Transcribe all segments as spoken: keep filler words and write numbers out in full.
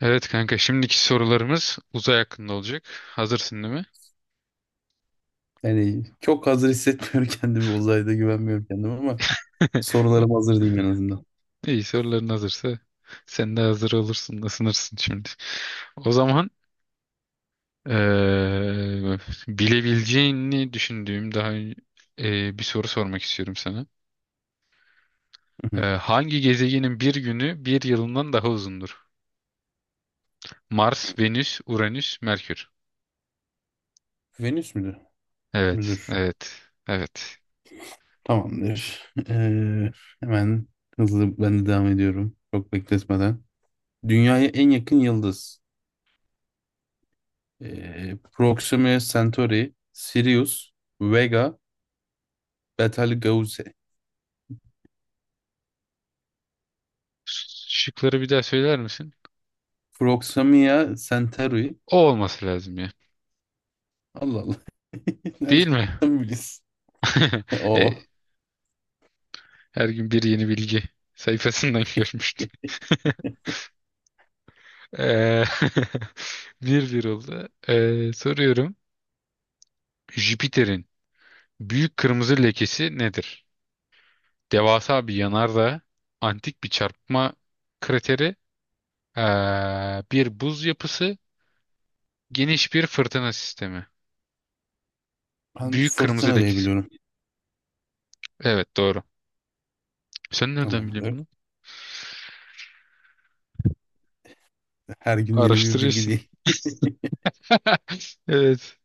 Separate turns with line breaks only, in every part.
Evet kanka şimdiki sorularımız uzay hakkında olacak. Hazırsın değil mi?
Yani çok hazır hissetmiyorum kendimi uzayda güvenmiyorum kendime ama sorularım hazır diyeyim en azından.
İyi soruların hazırsa sen de hazır olursun da sınırsın şimdi. O zaman eee, bilebileceğini düşündüğüm daha eee, bir soru sormak istiyorum sana.
Hı
Eee,
hı.
hangi gezegenin bir günü bir yılından daha uzundur? Mars, Venüs, Uranüs, Merkür.
Venüs müdür?
Evet,
Müdür.
evet, evet.
Tamamdır. Ee, hemen hızlı ben de devam ediyorum. Çok bekletmeden. Dünyaya en yakın yıldız. Ee, Proxima Centauri, Sirius, Vega, Betelgeuse.
Şıkları bir daha söyler misin?
Proxima Centauri.
O olması lazım ya.
Allah Allah.
Değil
Nereden
mi?
biliyorsun?
E,
O.
Her gün bir yeni bilgi sayfasından görmüştüm. Eee, bir bir oldu. Eee, soruyorum. Jüpiter'in büyük kırmızı lekesi nedir? Devasa bir yanardağ, antik bir çarpma krateri, eee, bir buz yapısı, geniş bir fırtına sistemi.
Ben
Büyük kırmızı
fırtına diye
lekesi.
biliyorum.
Evet, doğru. Sen nereden biliyorsun
Tamamdır.
bunu?
Her gün yeni bir bilgi
Araştırıyorsun.
değil.
Evet.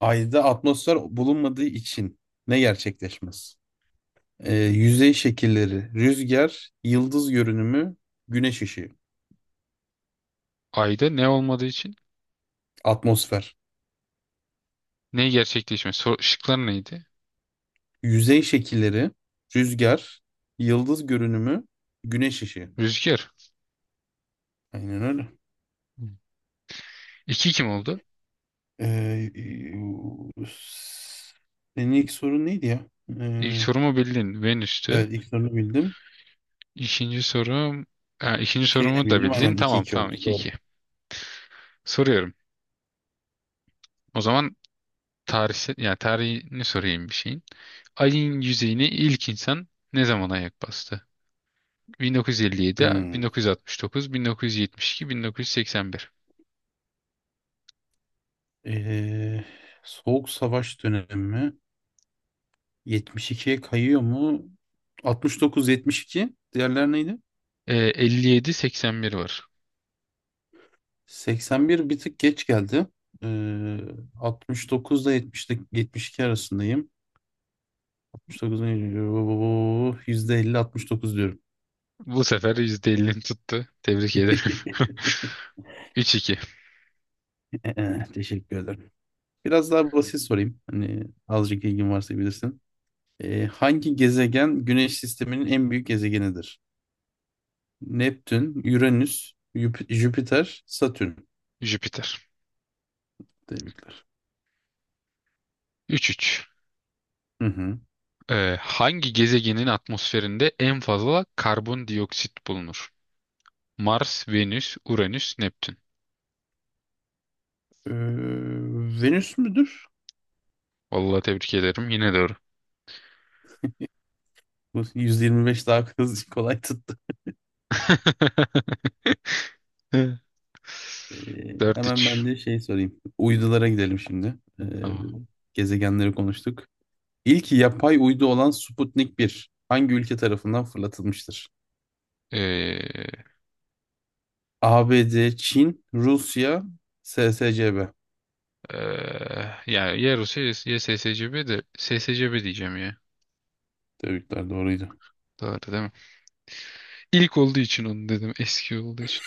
Ayda atmosfer bulunmadığı için ne gerçekleşmez? Ee, yüzey şekilleri, rüzgar, yıldız görünümü, güneş ışığı,
Ayda ne olmadığı için
atmosfer.
ne gerçekleşmez? Sor- Şıklar neydi?
Yüzey şekilleri, rüzgar, yıldız görünümü, güneş ışığı.
Rüzgar.
Aynen öyle.
İki kim oldu?
Ee, senin ilk sorun neydi ya?
İlk
Ee,
sorumu bildin. Venüs'tü.
evet ilk sorunu bildim.
İkinci sorum... Ha, ikinci
Şeyi de
sorumu da
bildim.
bildin.
Aynen iki
Tamam,
iki
tamam,
oldu.
2
Doğru.
iki. Soruyorum. O zaman tarihsel, yani tarihini sorayım bir şeyin. Ay'ın yüzeyine ilk insan ne zaman ayak bastı? bin dokuz yüz elli yedi,
Hmm.
bin dokuz yüz altmış dokuz, bin dokuz yüz yetmiş iki, bin dokuz yüz seksen bir.
Ee, Soğuk Savaş dönemi mi? yetmiş ikiye kayıyor mu? altmış dokuz yetmiş iki. Diğerler neydi?
Ee, elli yedi, seksen bir var.
81 bir bir tık geç geldi. Ee, altmış dokuzda yetmişte yetmiş iki arasındayım. altmış dokuzda yüzde elli altmış dokuz diyorum.
Bu sefer yüzde ellini tuttu. Tebrik ederim. Üç iki.
Ee, Teşekkür ederim. Biraz daha basit sorayım. Hani azıcık ilgin varsa bilirsin. Ee, hangi gezegen Güneş sisteminin en büyük gezegenidir? Neptün, Uranüs, Jüp- Jüpiter, Satürn.
Jüpiter.
Tebrikler.
Üç üç.
Hı hı.
Ee, hangi gezegenin atmosferinde en fazla karbondioksit bulunur? Mars, Venüs, Uranüs, Neptün.
Ee, Venüs müdür?
Vallahi tebrik ederim. Yine doğru.
Nasıl yüz yirmi beş daha hızlı kolay tuttu. Ee, hemen
dört üç.
ben de şey sorayım. Uydulara gidelim şimdi. Ee,
Tamam.
gezegenleri konuştuk. İlk yapay uydu olan Sputnik bir hangi ülke tarafından fırlatılmıştır?
Ee,
A B D, Çin, Rusya, S S C B.
eee, Yani ya Yarus ya S S C B de S S C B diyeceğim ya.
Tebrikler doğruydu.
Doğru değil mi? İlk olduğu için onu dedim. Eski olduğu için.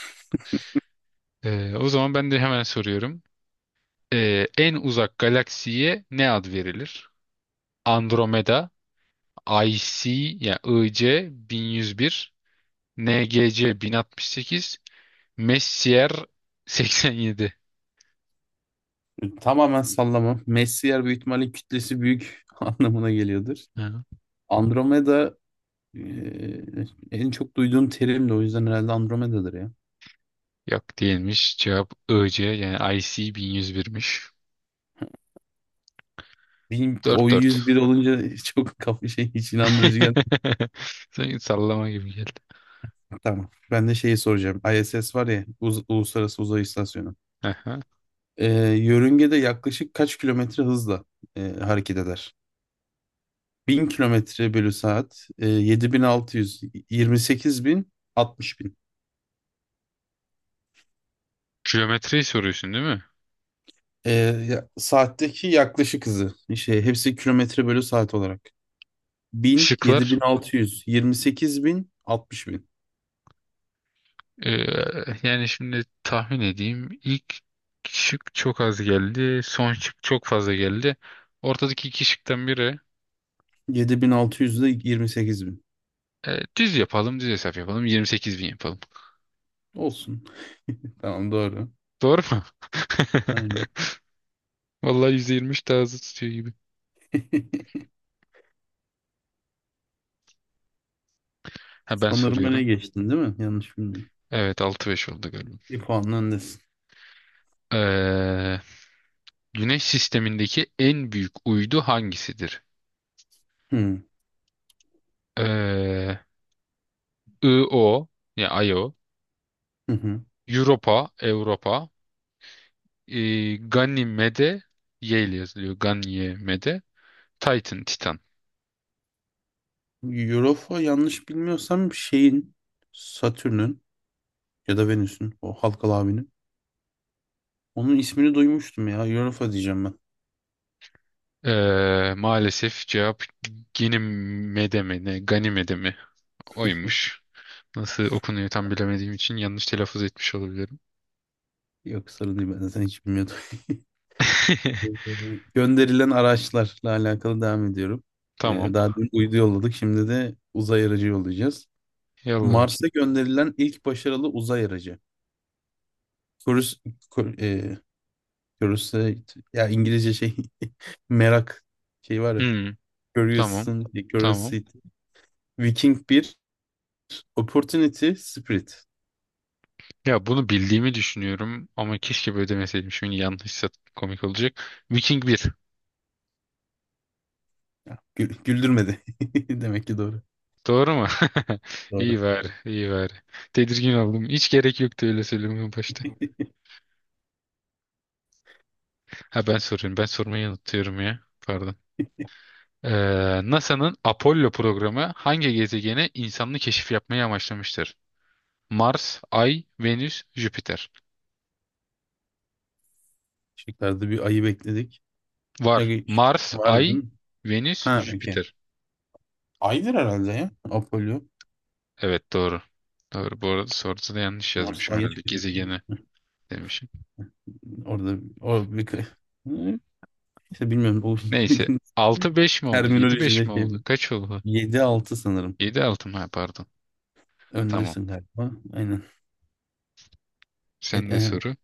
Ee, o zaman ben de hemen soruyorum. Ee, en uzak galaksiye ne ad verilir? Andromeda, I C yani I C bin yüz bir, N G C bin altmış sekiz, Messier seksen yedi.
Tamamen sallama. Messier büyük ihtimalle kütlesi büyük anlamına geliyordur.
Ha.
Andromeda e, en çok duyduğum terimdi o yüzden herhalde Andromeda'dır ya.
Yok, değilmiş. Cevap I C yani I C bin yüz birmiş.
Benim o yüz bir
dört dört.
olunca çok kafa şey hiç inandırıcı gel.
Sanki sallama gibi geldi.
Tamam. Ben de şeyi soracağım. I S S var ya Uz- Uluslararası Uzay İstasyonu.
Aha.
Ee, yörüngede yaklaşık kaç kilometre hızla e, hareket eder? Bin kilometre bölü saat, e, yedi bin altı yüz, yirmi sekiz bin, bin altmış bin.
Geometriyi soruyorsun değil mi?
Ee, ya- saatteki yaklaşık hızı. Şey, hepsi kilometre bölü saat olarak. bin bin bin yedi
Şıklar.
altı yüz yirmi sekiz bin, altmış bin
Ee, Yani şimdi tahmin edeyim. İlk şık çok az geldi. Son şık çok fazla geldi. Ortadaki iki şıktan biri
yedi bin altı yüz, yirmi sekiz bin, altmış bin. yedi bin altı yüz ile yirmi sekiz bin.
E, düz yapalım, düz hesap yapalım. yirmi sekiz bin yapalım.
Olsun. Tamam doğru.
Doğru mu?
Aynen.
Vallahi yüzde yirmi üç daha hızlı tutuyor gibi. Ha, ben
Sanırım öne
soruyorum.
geçtin değil mi? Yanlış bilmiyorum.
Evet, altı beş oldu galiba.
Bir puanla öndesin.
Ee, Güneş sistemindeki en büyük uydu hangisidir?
Hı.
Ee, Io, yani Io,
Hı hı.
Europa, Europa, e, Ganymede, Y ile yazılıyor. Ganymede, Titan, Titan.
Europa yanlış bilmiyorsam şeyin, Satürn'ün ya da Venüs'ün, o halkalı abinin. Onun ismini duymuştum ya. Europa diyeceğim ben.
Ee, maalesef cevap Ganymede mi ne? Ganymede mi? Oymuş. Nasıl okunuyor tam bilemediğim için yanlış telaffuz etmiş olabilirim.
Yok sorun değil ben zaten hiç bilmiyordum. Gönderilen araçlarla alakalı devam ediyorum.
Tamam.
Ee, daha dün uydu yolladık. Şimdi de uzay aracı yollayacağız.
Yallah
Mars'a
bakayım.
gönderilen ilk başarılı uzay aracı. Curios- Curiosity ya İngilizce şey merak şey var ya.
Hmm, tamam.
Curiosity,
Tamam.
curiosity. Viking bir opportunity spirit.
Ya, bunu bildiğimi düşünüyorum ama keşke böyle demeseydim. Şimdi yanlışsa komik olacak. Viking bir.
Ya, gü- güldürmedi. Demek ki doğru.
Doğru mu? İyi
Doğru.
bari, iyi bari. Tedirgin oldum. Hiç gerek yoktu öyle söylemeye başta. Ha, ben soruyorum. Ben sormayı unutuyorum ya. Pardon. Ee, nasanın Apollo programı hangi gezegene insanlı keşif yapmayı amaçlamıştır? Mars, Ay, Venüs, Jüpiter.
Şıklarda bir ayı bekledik.
Var.
Ne
Mars,
var değil
Ay,
mi?
Venüs,
Ha, okey.
Jüpiter.
Aydır herhalde ya. Apollo.
Evet, doğru. Doğru. Bu arada soruda da yanlış
Mars'ta
yazmışım
ayı
herhalde.
çıkıyor.
Gezegeni demişim.
Orada o bir kı- Hı, işte bilmiyorum bu
Neyse. Altı beş mi oldu? Yedi beş
terminolojide
mi
şey
oldu? Kaç oldu?
yedi altı sanırım.
Yedi altı mı? Ha, pardon. Tamam.
Öndesin galiba. Aynen. E,
Sen de
e,
soru.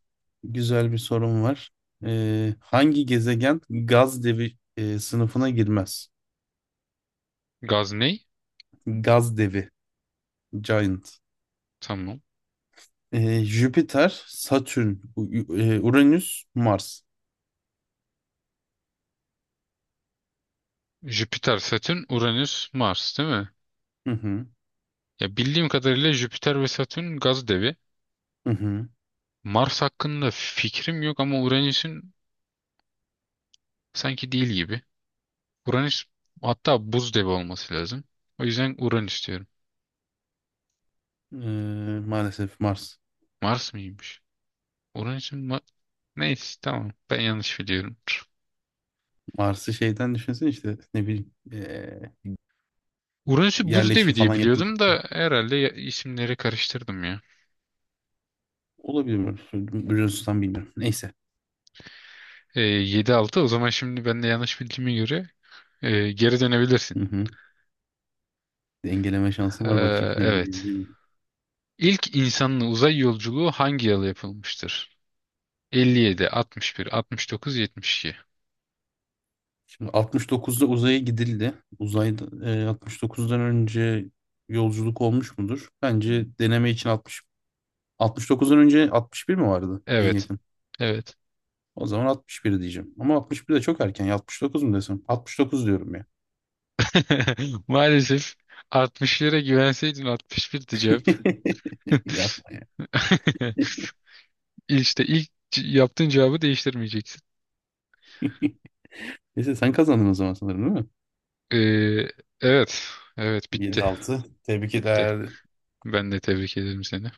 Güzel bir sorun var. Ee, hangi gezegen gaz devi e, sınıfına girmez?
Gaz ne?
Gaz devi, giant.
Tamam.
Ee, Jüpiter, Satürn, U- U- e, Uranüs, Mars.
Jüpiter, Satürn, Uranüs, Mars değil mi?
Hı hı,
Ya, bildiğim kadarıyla Jüpiter ve Satürn gaz devi.
hı hı.
Mars hakkında fikrim yok ama Uranüs'ün sanki değil gibi. Uranüs hatta buz devi olması lazım. O yüzden Uranüs diyorum.
Ee, maalesef Mars.
Mars mıymış? Uranüs'ün ma- neyse tamam. Ben yanlış biliyorum.
Mars'ı şeyden düşünsene işte ne bileyim e,
Uranüs'ü buz devi
yerleşim
diye
falan yapılır.
biliyordum da herhalde ya- isimleri karıştırdım ya.
Olabilir mi? Biliyorsunuz bilmiyorum. Neyse.
Ee, yedi altı, o zaman şimdi ben de yanlış bildiğime göre e, geri dönebilirsin.
Hı hı. Dengeleme şansım var bakayım.
Ee, evet.
Dengeleyebilir miyim?
İlk insanlı uzay yolculuğu hangi yıl yapılmıştır? elli yedi, altmış bir, altmış dokuz, yetmiş iki.
Şimdi altmış dokuzda uzaya gidildi. Uzayda e, altmış dokuzdan önce yolculuk olmuş mudur? Bence deneme için altmış altmış dokuzdan önce altmış bir mi vardı en
Evet.
yakın?
Evet.
O zaman altmış bir diyeceğim. Ama altmış bir de çok erken. altmış dokuz mu desem? altmış dokuz diyorum ya.
Maalesef altmışlara güvenseydin altmış birdi cevap.
Yapma ya.
İşte ilk c- yaptığın cevabı değiştirmeyeceksin.
Neyse sen kazandın o zaman sanırım değil mi?
Ee, evet. Evet, bitti.
yedi altı. Tebrik
Bitti.
ederim.
Ben de tebrik ederim seni.